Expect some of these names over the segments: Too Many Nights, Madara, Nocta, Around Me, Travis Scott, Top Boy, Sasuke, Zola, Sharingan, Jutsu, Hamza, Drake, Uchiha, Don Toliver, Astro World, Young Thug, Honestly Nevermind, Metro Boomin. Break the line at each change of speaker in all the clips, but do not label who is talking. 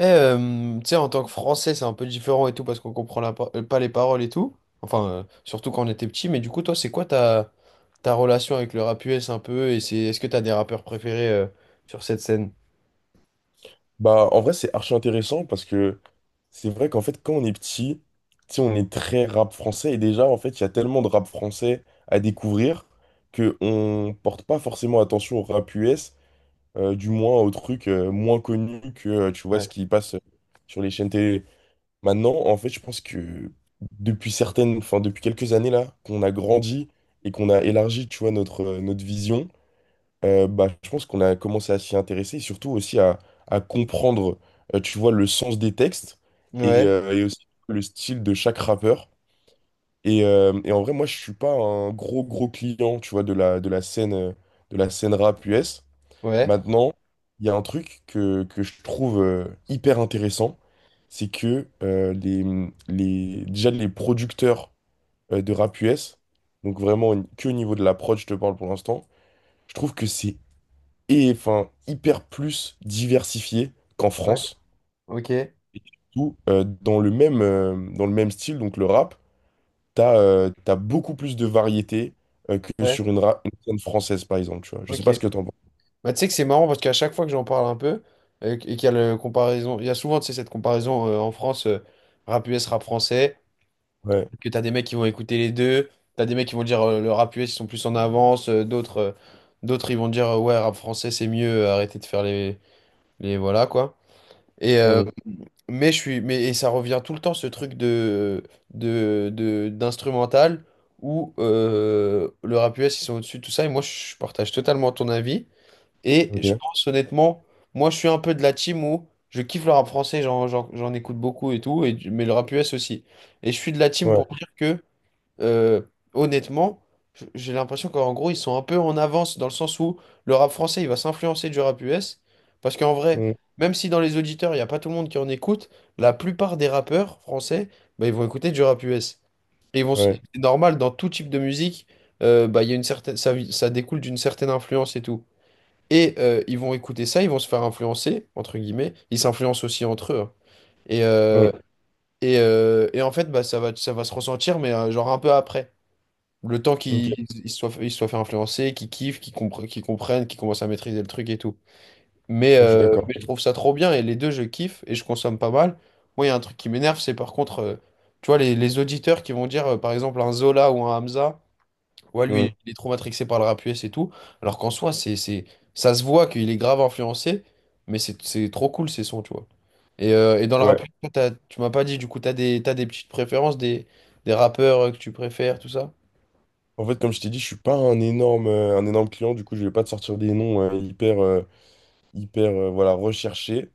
Eh, tu sais, en tant que Français, c'est un peu différent et tout parce qu'on comprend pas les paroles et tout. Enfin, surtout quand on était petit. Mais du coup, toi, c'est quoi ta relation avec le rap US un peu? Est-ce que t'as des rappeurs préférés sur cette scène?
Bah, en vrai, c'est archi intéressant parce que c'est vrai qu'en fait, quand on est petit, tu sais, on est très rap français et déjà, en fait, il y a tellement de rap français à découvrir que on porte pas forcément attention au rap US, du moins aux trucs moins connus que, tu vois,
Ouais.
ce qui passe sur les chaînes télé. Maintenant, en fait, je pense que depuis certaines, enfin, depuis quelques années là, qu'on a grandi et qu'on a élargi, tu vois, notre vision. Bah, je pense qu'on a commencé à s'y intéresser et surtout aussi à comprendre, tu vois, le sens des textes
Ouais,
et aussi le style de chaque rappeur. Et en vrai, moi, je suis pas un gros, gros client, tu vois, de la scène rap US.
ouais,
Maintenant, il y a un truc que je trouve hyper intéressant, c'est que les, déjà les producteurs de rap US, donc vraiment que au niveau de la prod, je te parle pour l'instant, je trouve que c'est et enfin hyper plus diversifié qu'en
ouais,
France.
ok,
Où, dans le même style, donc le rap, t'as t'as beaucoup plus de variété que
ouais,
sur une scène française, par exemple, tu vois. Je sais
ok.
pas ce que t'en penses.
Bah, tu sais que c'est marrant parce qu'à chaque fois que j'en parle un peu et qu'il y a le comparaison, il y a souvent, tu sais, cette comparaison en France, rap US, rap français.
Ouais.
Que t'as des mecs qui vont écouter les deux, t'as des mecs qui vont dire le rap US ils sont plus en avance, d'autres ils vont dire ouais rap français c'est mieux, arrêtez de faire les voilà quoi. Et
Mmh.
mais je suis mais et ça revient tout le temps ce truc d'instrumental où le rap US ils sont au-dessus de tout ça et moi je partage totalement ton avis et je
Ok.
pense honnêtement moi je suis un peu de la team où je kiffe le rap français, j'en écoute beaucoup et tout, mais le rap US aussi. Et je suis de la team pour
Ouais.
dire que euh, honnêtement, j'ai l'impression qu'en gros, ils sont un peu en avance dans le sens où le rap français, il va s'influencer du rap US. Parce qu'en vrai,
Mmh.
même si dans les auditeurs, il n'y a pas tout le monde qui en écoute, la plupart des rappeurs français, bah, ils vont écouter du rap US. Et ils vont, s-
Ouais.
c'est normal, dans tout type de musique, bah, il y a une certaine, ça découle d'une certaine influence et tout. Et ils vont écouter ça, ils vont se faire influencer, entre guillemets. Ils s'influencent aussi entre eux, hein. Et, euh,
Mmh.
et en fait, bah, ça va se ressentir, mais genre un peu après. Le temps
Ok. Ouais,
qu'ils ils se soient fait influencer, qu'ils kiffent, qu'ils comprennent, qu'ils commencent à maîtriser le truc et tout. Mais,
je suis
euh,
d'accord.
mais je trouve ça trop bien et les deux, je kiffe et je consomme pas mal. Moi, il y a un truc qui m'énerve, c'est par contre, tu vois, les auditeurs qui vont dire, par exemple, un Zola ou un Hamza, ouais, lui,
Mmh.
il est trop matrixé par le rap US et tout. Alors qu'en soi, ça se voit qu'il est grave influencé, mais c'est trop cool ces sons, tu vois. Et dans le rap,
Ouais.
toi, tu m'as pas dit, du coup, t'as des petites préférences, des rappeurs que tu préfères, tout ça?
En fait, comme je t'ai dit, je suis pas un énorme, un énorme client, du coup, je vais pas te sortir des noms hyper, hyper voilà, recherché.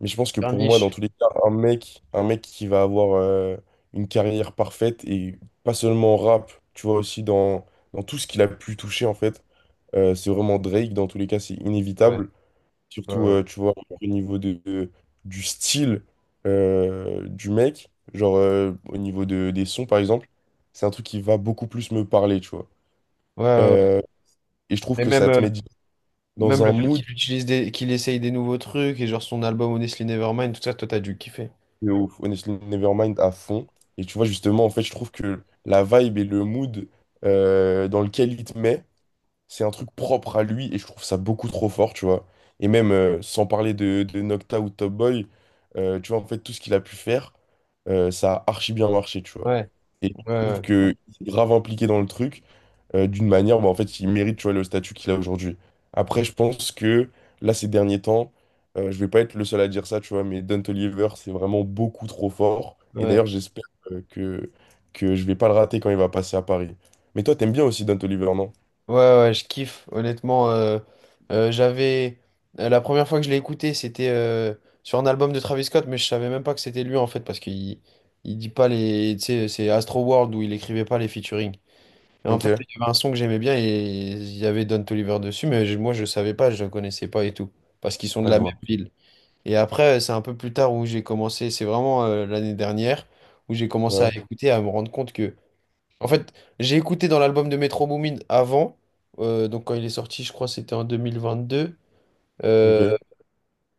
Mais je pense que
Faire
pour moi, dans
niche.
tous les cas, un mec qui va avoir une carrière parfaite et pas seulement en rap, tu vois, aussi dans tout ce qu'il a pu toucher, en fait, c'est vraiment Drake. Dans tous les cas, c'est inévitable.
Ouais,
Surtout,
ouais.
tu vois, au niveau de- du style du mec, au niveau de, des sons, par exemple, c'est un truc qui va beaucoup plus me parler, tu vois.
Ouais, ouais, ouais.
Euh, et je trouve
Et
que
même,
ça te met dans
même
un
le fait
mood.
qu'il utilise des, qu'il essaye des nouveaux trucs et genre son album Honestly Nevermind, tout ça, toi t'as dû kiffer.
De ouf, Honestly Nevermind à fond. Et tu vois, justement, en fait, je trouve que la vibe et le mood dans lequel il te met, c'est un truc propre à lui et je trouve ça beaucoup trop fort, tu vois. Et même sans parler de Nocta ou Top Boy, tu vois, en fait, tout ce qu'il a pu faire, ça a archi bien marché, tu vois.
Ouais,
Et
ouais,
je trouve
ouais,
que il est grave impliqué dans le truc d'une manière où bah, en fait il mérite tu vois, le statut qu'il a aujourd'hui. Après, je pense que là, ces derniers temps, je vais pas être le seul à dire ça, tu vois, mais Don Toliver, c'est vraiment beaucoup trop fort. Et
ouais,
d'ailleurs, j'espère euh, que, que je vais pas le rater quand il va passer à Paris. Mais toi, t'aimes bien aussi Don Toliver, non?
ouais, ouais, je kiffe, honnêtement. J'avais. La première fois que je l'ai écouté, c'était sur un album de Travis Scott, mais je savais même pas que c'était lui en fait, parce qu'il dit pas les. Tu sais, c'est Astro World où il écrivait pas les featuring. Et en
Ok,
fait, il
ouais,
y avait un son que j'aimais bien et il y avait Don Toliver dessus, mais moi je savais pas, je le connaissais pas et tout, parce qu'ils sont de
je
la même
vois.
ville. Et après, c'est un peu plus tard où j'ai commencé, c'est vraiment l'année dernière, où j'ai commencé à,
Ouais,
ouais, écouter, à me rendre compte que. En fait, j'ai écouté dans l'album de Metro Boomin avant, donc quand il est sorti, je crois que c'était en 2022, euh,
ok,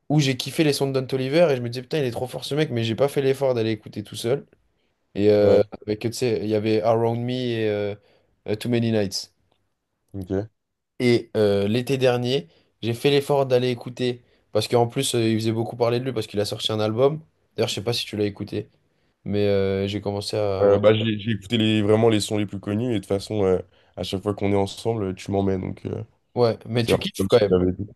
où j'ai kiffé les sons de Don Toliver, et je me disais, putain, il est trop fort ce mec, mais j'ai pas fait l'effort d'aller écouter tout seul. Et
ouais,
avec, tu sais, il y avait Around Me et Too Many Nights.
ok.
Et l'été dernier, j'ai fait l'effort d'aller écouter, parce qu'en plus, il faisait beaucoup parler de lui, parce qu'il a sorti un album. D'ailleurs, je sais pas si tu l'as écouté, mais j'ai commencé à. Ouais.
Bah, j'ai écouté vraiment les sons les plus connus et de toute façon, à chaque fois qu'on est ensemble, tu m'emmènes. Donc,
Ouais, mais
c'est un
tu
peu
kiffes
comme si
quand
tu
même.
m'avais dit.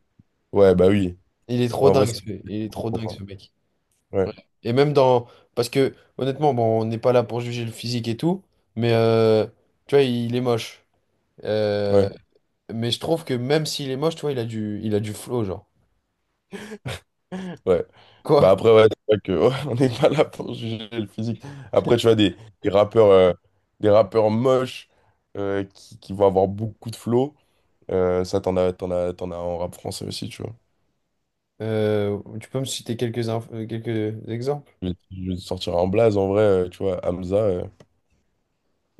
Ouais, bah oui. En vrai, c'est.
Il est trop dingue,
Important.
ce mec.
Ouais,
Ouais. Et même dans. Parce que, honnêtement, bon, on n'est pas là pour juger le physique et tout, mais tu vois, il est moche. Euh,
ouais.
Mais je trouve que même s'il est moche, tu vois, il a du flow, genre.
Ouais. Bah
Quoi?
après, ouais, c'est vrai que, ouais, on n'est pas là pour juger le physique. Après, tu vois, des rappeurs, euh, des rappeurs moches qui vont avoir beaucoup de flow, ça, t'en as en rap français aussi, tu vois.
Tu peux me citer quelques exemples?
Je vais te sortir en blaze, en vrai, tu vois, Hamza,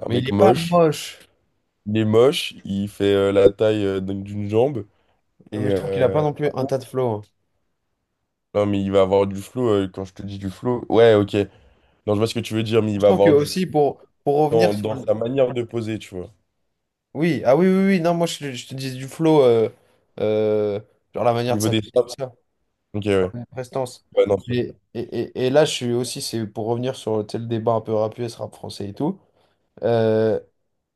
un
Mais il
mec
n'est pas
moche.
moche.
Il est moche, il fait la taille d'une jambe. Et,
Mais je trouve qu'il n'a pas non plus
par
un
contre,
tas de flow, hein.
non, mais il va avoir du flow, quand je te dis du flow, ouais, ok. Non, je vois ce que tu veux dire, mais il
Je
va
trouve que
avoir du flow
aussi pour revenir sur
dans
le.
sa manière de poser, tu vois.
Oui, ah oui, oui, oui, non, moi je te dis du flow, euh, genre la
Au
manière de
niveau des.
s'habiller, tout ça,
Ok, ouais.
la prestance.
Ouais, non, c'est
Et,
vrai.
et, et, et là, je suis aussi, c'est pour revenir sur tu sais, le débat un peu rap US, rap français et tout. euh,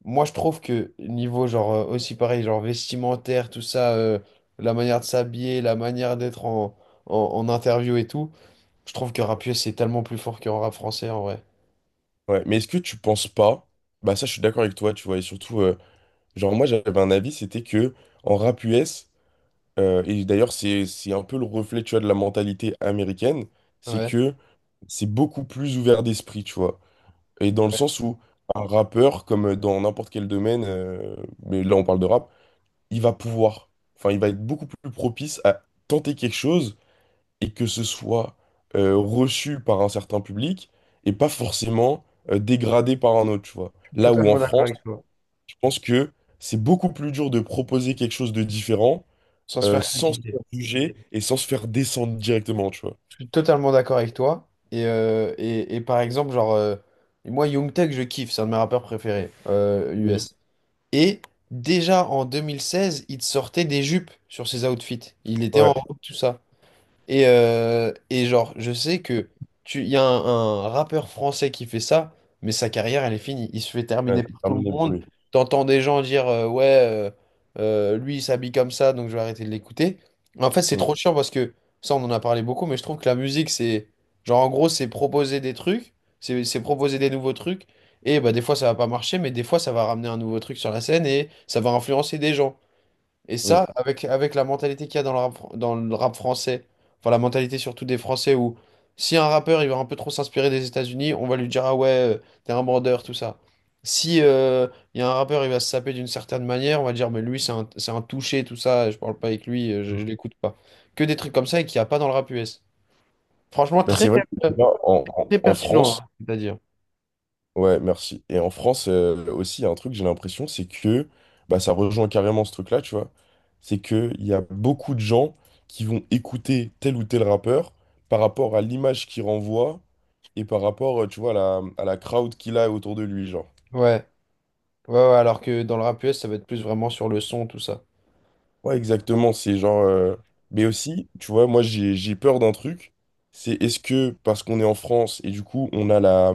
moi, je trouve que niveau, genre, aussi pareil, genre vestimentaire, tout ça, la manière de s'habiller, la manière d'être en interview et tout, je trouve que rap US, c'est tellement plus fort qu'en rap français en vrai.
Ouais. Mais est-ce que tu penses pas? Bah ça, je suis d'accord avec toi, tu vois. Et surtout, genre moi, j'avais un avis, c'était que en rap US, et d'ailleurs, c'est un peu le reflet, tu vois, de la mentalité américaine, c'est
Ouais.
que c'est beaucoup plus ouvert d'esprit, tu vois. Et dans le
Ouais,
sens où un rappeur, comme dans n'importe quel domaine, mais là on parle de rap, il va pouvoir, enfin, il va être beaucoup plus propice à tenter quelque chose et que ce soit reçu par un certain public et pas forcément dégradé par un autre, tu vois.
je suis
Là où en
totalement d'accord
France,
avec toi,
je pense que c'est beaucoup plus dur de proposer quelque chose de différent
sans se faire
sans se
critiquer.
faire juger et sans se faire descendre directement, tu vois.
Je suis totalement d'accord avec toi. Et par exemple, genre, moi, Young Thug, je kiffe, c'est un de mes rappeurs préférés, US. Et déjà en 2016, il te sortait des jupes sur ses outfits. Il était en
Ouais,
robe, tout ça. Et genre, je sais que il y a un rappeur français qui fait ça, mais sa carrière, elle est finie. Il se fait
ouais,
terminer
c'est
par tout le
terminé pour
monde.
lui.
T'entends des gens dire ouais, lui, il s'habille comme ça, donc je vais arrêter de l'écouter. En fait, c'est
Mm,
trop chiant parce que ça, on en a parlé beaucoup, mais je trouve que la musique, c'est genre, en gros, c'est proposer des trucs, c'est proposer des nouveaux trucs. Et bah, des fois, ça va pas marcher, mais des fois, ça va ramener un nouveau truc sur la scène et ça va influencer des gens. Et ça,
mm.
avec la mentalité qu'il y a dans le rap français, enfin la mentalité surtout des Français où si un rappeur il va un peu trop s'inspirer des États-Unis, on va lui dire ah ouais, t'es un bandeur, tout ça. Si il y a un rappeur, il va se saper d'une certaine manière, on va dire mais lui c'est un touché, tout ça, je parle pas avec lui, je l'écoute pas. Que des trucs comme ça et qu'il n'y a pas dans le rap US. Franchement,
Bah, c'est vrai que
euh,
là,
très
en
pertinent,
France.
hein, c'est-à-dire.
Ouais, merci. Et en France, aussi, il y a un truc, j'ai l'impression, c'est que bah, ça rejoint carrément ce truc-là, tu vois. C'est qu'il y a beaucoup de gens qui vont écouter tel ou tel rappeur par rapport à l'image qu'il renvoie et par rapport, tu vois, à la crowd qu'il a autour de lui, genre.
Ouais, ouais, ouais, alors que dans le rap US, ça va être plus vraiment sur le son, tout ça.
Ouais, exactement. C'est genre. Mais aussi, tu vois, moi, j'ai peur d'un truc. C'est est-ce que, parce qu'on est en France et du coup, on a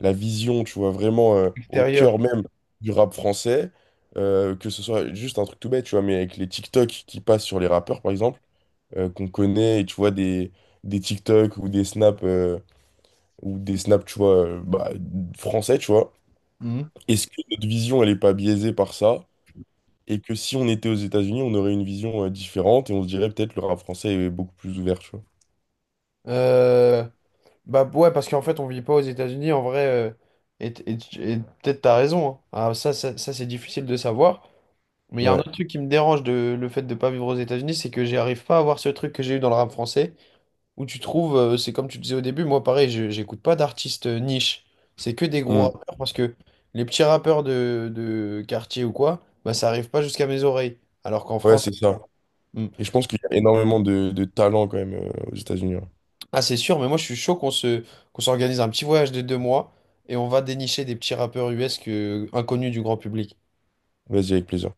la vision, tu vois, vraiment au
Extérieur.
cœur même du rap français, que ce soit juste un truc tout bête, tu vois, mais avec les TikTok qui passent sur les rappeurs, par exemple, qu'on connaît, et tu vois, des TikTok ou des snaps, tu vois, bah, français, tu vois.
Mhm.
Est-ce que notre vision, elle est pas biaisée par ça? Et que si on était aux États-Unis, on aurait une vision différente et on se dirait peut-être le rap français est beaucoup plus ouvert, tu vois.
Euh, Bah ouais, parce qu'en fait, on vit pas aux États-Unis, en vrai, et, et- et peut-être t'as raison, hein. Ah, ça, c'est difficile de savoir. Mais il y a un
Ouais,
autre truc qui me dérange de le fait de pas vivre aux États-Unis, c'est que j'arrive pas à avoir ce truc que j'ai eu dans le rap français, où tu trouves, c'est comme tu disais au début, moi pareil, j'écoute pas d'artistes niche. C'est que des gros
Mm.
rappeurs, parce que les petits rappeurs de quartier ou quoi, bah ça arrive pas jusqu'à mes oreilles. Alors qu'en
Ouais,
France,
c'est ça.
hmm.
Et je pense qu'il y a énormément de talent quand même aux États-Unis. Ouais.
Ah, c'est sûr, mais moi je suis chaud qu'on s'organise un petit voyage de 2 mois et on va dénicher des petits rappeurs US que, inconnus du grand public.
Vas-y, avec plaisir.